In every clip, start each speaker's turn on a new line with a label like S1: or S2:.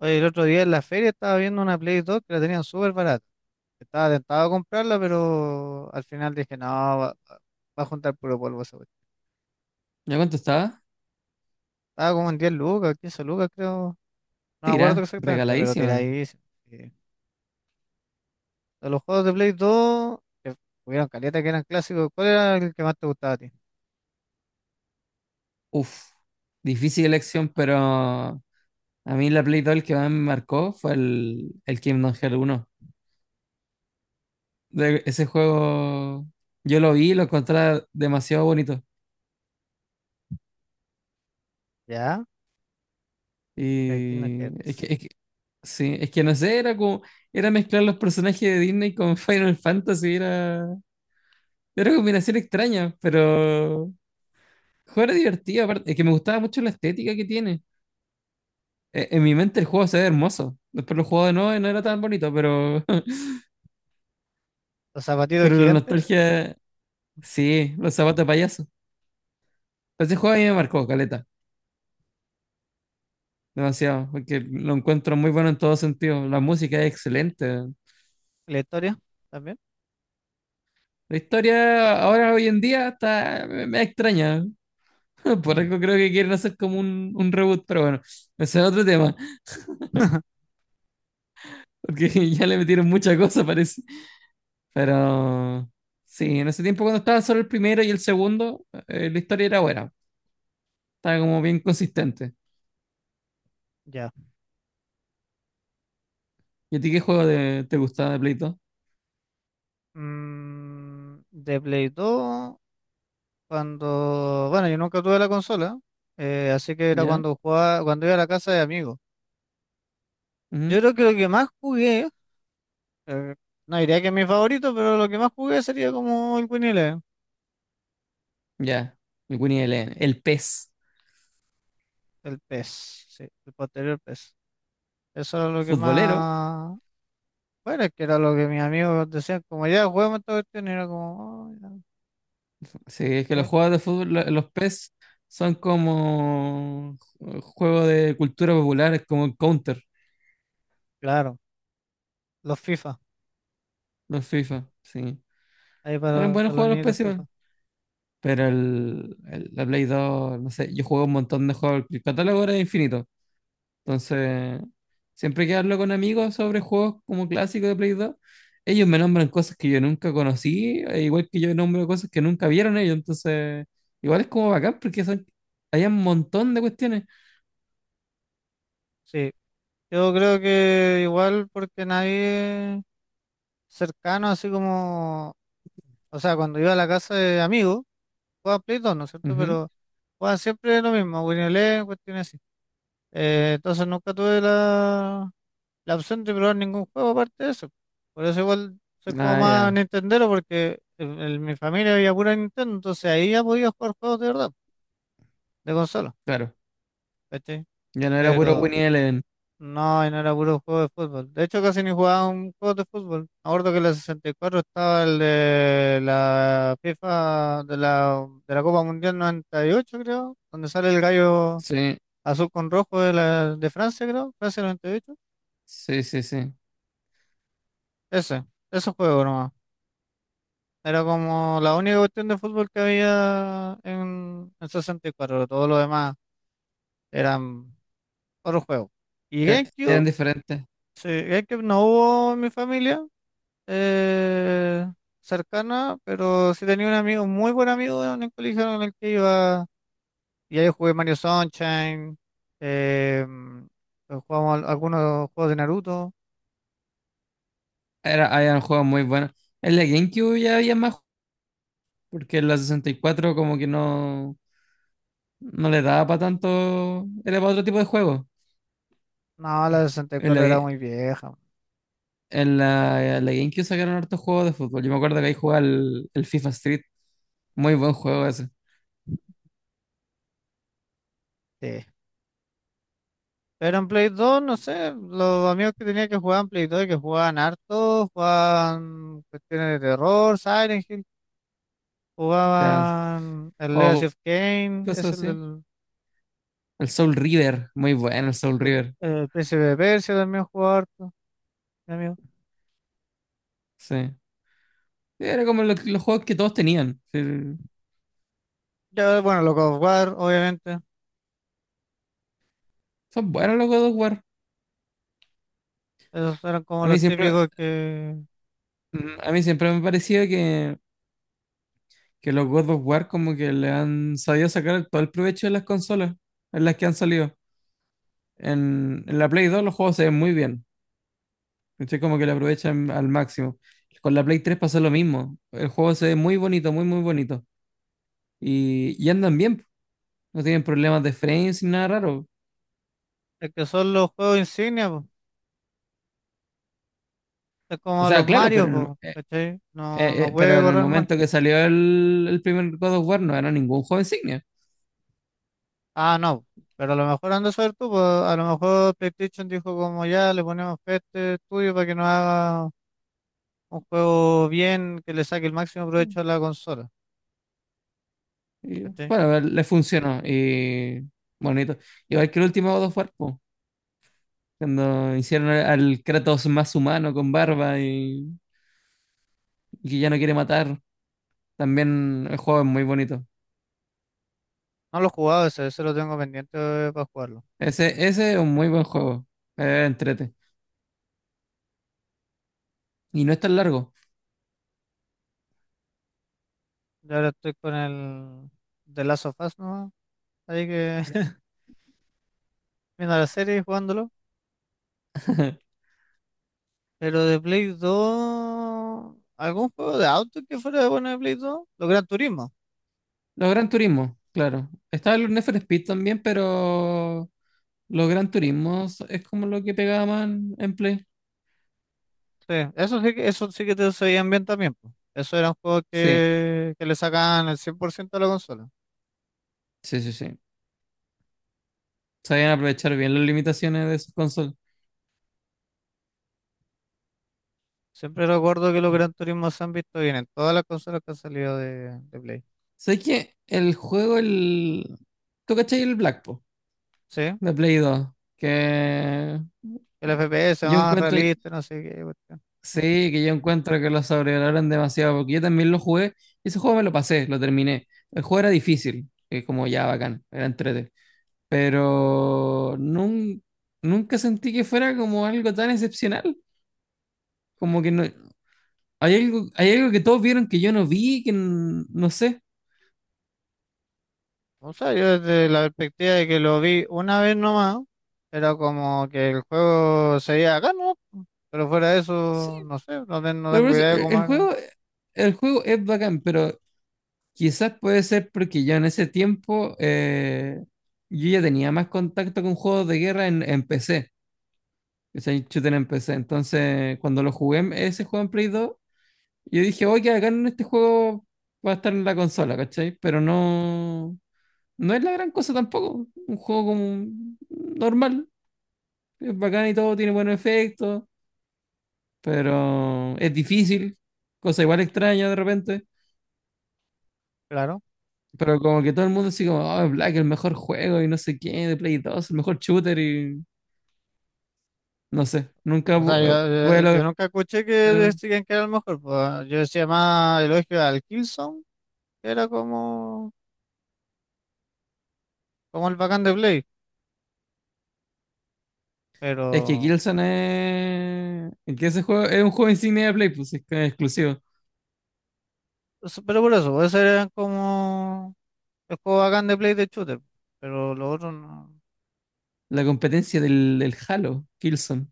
S1: Oye, el otro día en la feria estaba viendo una Play 2 que la tenían súper barata. Estaba tentado a comprarla, pero al final dije, no, va a juntar puro polvo esa cuestión.
S2: ¿Ya cuánto estaba?
S1: Estaba como en 10 lucas, 15 lucas creo. No me acuerdo
S2: Tira,
S1: exactamente, pero
S2: regaladísima.
S1: tiradísimo. Sí. De los juegos de Play 2, que hubieron caleta que eran clásicos, ¿cuál era el que más te gustaba a ti?
S2: Uf, difícil elección, pero a mí la Play 2 el que más me marcó fue el Kingdom Hearts 1. Ese juego yo lo vi y lo encontré demasiado bonito.
S1: Ya, el Kingdom
S2: Y es que,
S1: Hearts.
S2: es que- sí, es que no sé, era como, era mezclar los personajes de Disney con Final Fantasy, era, era una combinación extraña, pero el juego era divertido. Aparte, es que me gustaba mucho la estética que tiene. En mi mente el juego se ve hermoso. Después lo jugado de nuevo y no era tan bonito, pero
S1: Los zapatitos
S2: pero la
S1: gigantes,
S2: nostalgia, sí, los zapatos de payaso. Pero ese juego a mí me marcó, caleta, demasiado, porque lo encuentro muy bueno en todo sentido. La música es excelente.
S1: la historia también.
S2: La historia ahora, hoy en día, está, me extraña. Por algo creo que quieren hacer como un reboot, pero bueno, ese es otro tema, porque ya le metieron mucha cosa, parece. Pero sí, en ese tiempo cuando estaba solo el primero y el segundo, la historia era buena. Está como bien consistente.
S1: Ya.
S2: ¿Y a ti qué juego te gustaba de Play 2?
S1: De Play 2. Cuando, bueno, yo nunca tuve la consola, así que era
S2: ¿Ya?
S1: cuando jugaba, cuando iba a la casa de amigos. Yo
S2: Ujú.
S1: creo que lo que más jugué, eh, no diría que es mi favorito, pero lo que más jugué sería como el Winnie Eleven,
S2: Ya. El Winnie the Line. El Pez
S1: el PES, sí, el posterior PES. Eso era lo que
S2: futbolero.
S1: más, bueno, es que era lo que mis amigos decían, como ya juguemos esta cuestión, y era como, "Oh, ya".
S2: Sí, es que los
S1: Sí,
S2: juegos de fútbol, los Pez son como juegos de cultura popular, es como el Counter,
S1: claro, los FIFA,
S2: los FIFA. Sí.
S1: ahí
S2: Eran
S1: para,
S2: buenos
S1: para los
S2: juegos los
S1: nietos
S2: Pez igual.
S1: FIFA.
S2: Pero el, la Play 2, no sé, yo jugué un montón de juegos. El catálogo era infinito. Entonces, siempre que hablo con amigos sobre juegos como clásicos de Play 2, ellos me nombran cosas que yo nunca conocí, e igual que yo nombro cosas que nunca vieron ellos. Entonces, igual es como bacán porque son, hay un montón de cuestiones.
S1: Sí, yo creo que igual porque nadie cercano, así como. O sea, cuando iba a la casa de amigos, jugaba Play 2, ¿no es cierto?
S2: Ujú.
S1: Pero jugaban siempre lo mismo, Winnie Eleven, cuestiones así. Entonces nunca tuve la, opción de probar ningún juego aparte de eso. Por eso igual soy como
S2: Ah,
S1: más
S2: ya,
S1: Nintendero, porque en mi familia había pura Nintendo, entonces ahí ya podía jugar juegos de verdad, de consola,
S2: claro.
S1: ¿cachai?
S2: Ya no era puro
S1: Pero
S2: Winnie Eleven.
S1: no, y no era puro juego de fútbol. De hecho, casi ni jugaba un juego de fútbol. Me acuerdo que en la 64 estaba el de la FIFA de la Copa Mundial 98, creo, donde sale el gallo
S2: Sí,
S1: azul con rojo de Francia, creo, Francia 98.
S2: sí, sí, sí.
S1: Ese, ese juego nomás. Era como la única cuestión de fútbol que había en 64. Todo lo demás eran otros juegos. Y
S2: Eran
S1: GameCube,
S2: diferentes.
S1: sí, GameCube no hubo en mi familia. eh, cercana, pero sí tenía un amigo, muy buen amigo en el colegio en el que iba. Y ahí jugué Mario Sunshine, eh, jugamos algunos juegos de Naruto.
S2: Era, habían juegos muy buenos. En la GameCube ya había más, porque en la 64 como que no, no le daba para tanto, era para otro tipo de juego.
S1: No, la
S2: En la,
S1: 64 era muy vieja.
S2: En la GameCube sacaron hartos juegos de fútbol. Yo me acuerdo que ahí jugaba el FIFA Street. Muy buen juego ese.
S1: Sí. Pero en Play 2, no sé, los amigos que tenía que jugaban Play 2 y que jugaban harto, jugaban cuestiones de terror, Silent Hill,
S2: Ya,
S1: jugaban el Legacy
S2: o
S1: of Kain. es
S2: cosas
S1: el
S2: así.
S1: del
S2: El Soul River. Muy bueno el Soul
S1: el-
S2: River.
S1: el Príncipe de Persia también jugaba harto, mi amigo.
S2: Sí. Era como los juegos que todos tenían. Sí.
S1: Ya bueno, los God of War, obviamente.
S2: Son buenos los God of War.
S1: Esos eran como
S2: A mí
S1: los
S2: siempre,
S1: típicos
S2: a mí siempre me ha parecido que los God of War como que le han sabido sacar todo el provecho de las consolas en las que han salido. En la Play 2 los juegos se ven muy bien. ¿Cachai? Como que lo aprovechan al máximo. Con la Play 3 pasó lo mismo. El juego se ve muy bonito, muy bonito. Y andan bien, po. No tienen problemas de frames ni nada raro.
S1: es que son los juegos insignia, po. Es
S2: O
S1: como
S2: sea,
S1: los
S2: claro,
S1: Mario, po, ¿cachai? No, no
S2: pero
S1: puede
S2: en el
S1: correr mal.
S2: momento que salió el primer God of War no era ningún juego insignia.
S1: Ah, no. Pero a lo mejor andas a ver tú, po. A lo mejor PlayStation dijo como ya, le ponemos fe a este estudio para que nos haga un juego bien, que le saque el máximo provecho a la consola,
S2: Y,
S1: ¿cachai?
S2: bueno, le funcionó. Y bonito. Igual que el último God of War, po, cuando hicieron al Kratos más humano con barba y que ya no quiere matar. También el juego es muy bonito.
S1: No lo he jugado ese, ese lo tengo pendiente para jugarlo.
S2: Ese es un muy buen juego. Entrete. Y no es tan largo.
S1: Yo ahora estoy con el The Last of Us, ¿no? Ahí que viendo la serie y jugándolo. Pero de Play 2, ¿algún juego de auto que fuera bueno de Play 2? Los Gran Turismo.
S2: Los Gran Turismo, claro. Estaba el Need for Speed también, pero los Gran Turismos es como lo que pegaban en Play.
S1: Sí, eso sí que te sabían bien también, po. Eso eran juegos
S2: Sí,
S1: que le sacaban el 100% a la consola.
S2: sí, sí, sí. Sabían aprovechar bien las limitaciones de sus consolas.
S1: Siempre recuerdo que los Gran Turismo se han visto bien en todas las consolas que han salido de, Play.
S2: Sé que el juego, el... ¿Tú cachai el Black Blacktop
S1: Sí,
S2: de Play 2? Que
S1: el FPS
S2: yo
S1: más
S2: encuentro,
S1: realista, no sé qué cuestión.
S2: Sí, que yo encuentro que lo sobrevaloran demasiado, porque yo también lo jugué, y ese juego me lo pasé, lo terminé. El juego era difícil, es como ya bacán, era entrete, pero nunca sentí que fuera como algo tan excepcional, como que no, hay algo que todos vieron que yo no vi, que no sé.
S1: O sea, yo desde la perspectiva de que lo vi una vez nomás, era como que el juego seguía acá, ¿no? Pero fuera de
S2: Sí,
S1: eso, no sé, no, no
S2: pero por
S1: tengo
S2: eso,
S1: idea de cómo era.
S2: el juego es bacán, pero quizás puede ser porque yo en ese tiempo yo ya tenía más contacto con juegos de guerra en PC. Es el shooter en PC. Entonces, cuando lo jugué, ese juego en Play 2, yo dije, oye, acá en este juego va a estar en la consola, ¿cachai? Pero no, no es la gran cosa tampoco. Un juego como normal, es bacán y todo, tiene buenos efectos, pero es difícil, cosa igual extraña de repente.
S1: Claro.
S2: Pero como que todo el mundo así como, oh, Black, el mejor juego y no sé qué, de Play 2, el mejor shooter y no sé, nunca
S1: O sea, yo,
S2: voy
S1: yo- yo
S2: a
S1: nunca escuché que
S2: lograr.
S1: decían que era el mejor. Pues, yo decía más elogio al Killzone, que era como el bacán de Play.
S2: Es que
S1: Pero,
S2: Killzone es. Es que ese juego es un juego insignia de Play, pues es que es exclusivo.
S1: pero por eso, pues, ese era como el juego bacán de Play de shooter. Pero lo otro no.
S2: La competencia del Halo, Killzone.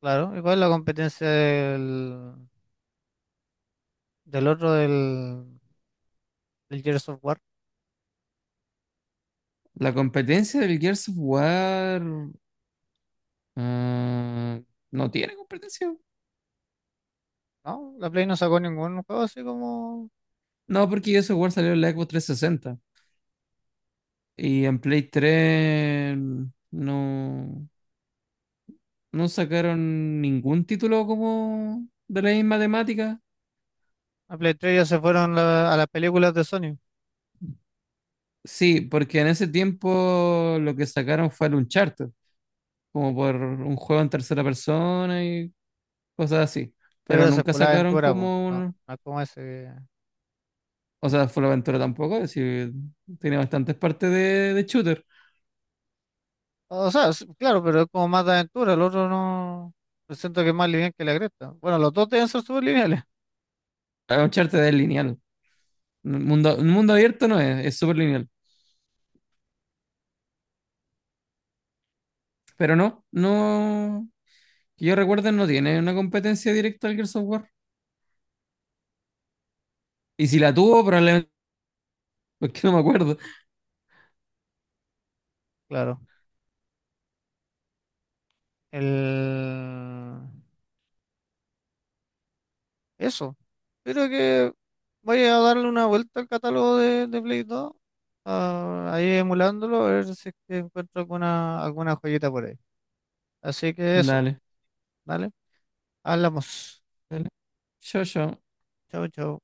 S1: Claro, igual la competencia del otro del. El Gears of War.
S2: La competencia del Gears of War. Ah, no tiene competencia.
S1: No, la Play no sacó ningún juego así como.
S2: No, porque Gears of War salió en la Xbox 360. Y en Play 3 no, no sacaron ningún título como de la misma temática.
S1: La Play 3 ya se fueron a las películas de Sony. Sí,
S2: Sí, porque en ese tiempo lo que sacaron fue el Uncharted. Como por un juego en tercera persona y cosas así. Pero
S1: pero se
S2: nunca
S1: fue la
S2: sacaron
S1: aventura, po.
S2: como
S1: No,
S2: un...
S1: no es como ese,
S2: O sea, full aventura tampoco, es decir, tiene bastantes partes de shooter.
S1: o sea, sí, claro, pero es como más de aventura. El otro no. Yo siento que es más lineal que la cresta. Bueno, los dos deben ser súper lineales,
S2: Uncharted es lineal. Un mundo abierto no es, es súper lineal. Pero no... Que yo recuerdo no tiene una competencia directa al Gears of War. Y si la tuvo, probablemente... porque no me acuerdo.
S1: claro. El. Eso. Creo que voy a darle una vuelta al catálogo de, Play 2, ahí emulándolo, a ver si es que encuentro alguna joyita por ahí. Así que eso,
S2: Dale,
S1: ¿vale? Hablamos.
S2: dale. Yo.
S1: Chao, chao.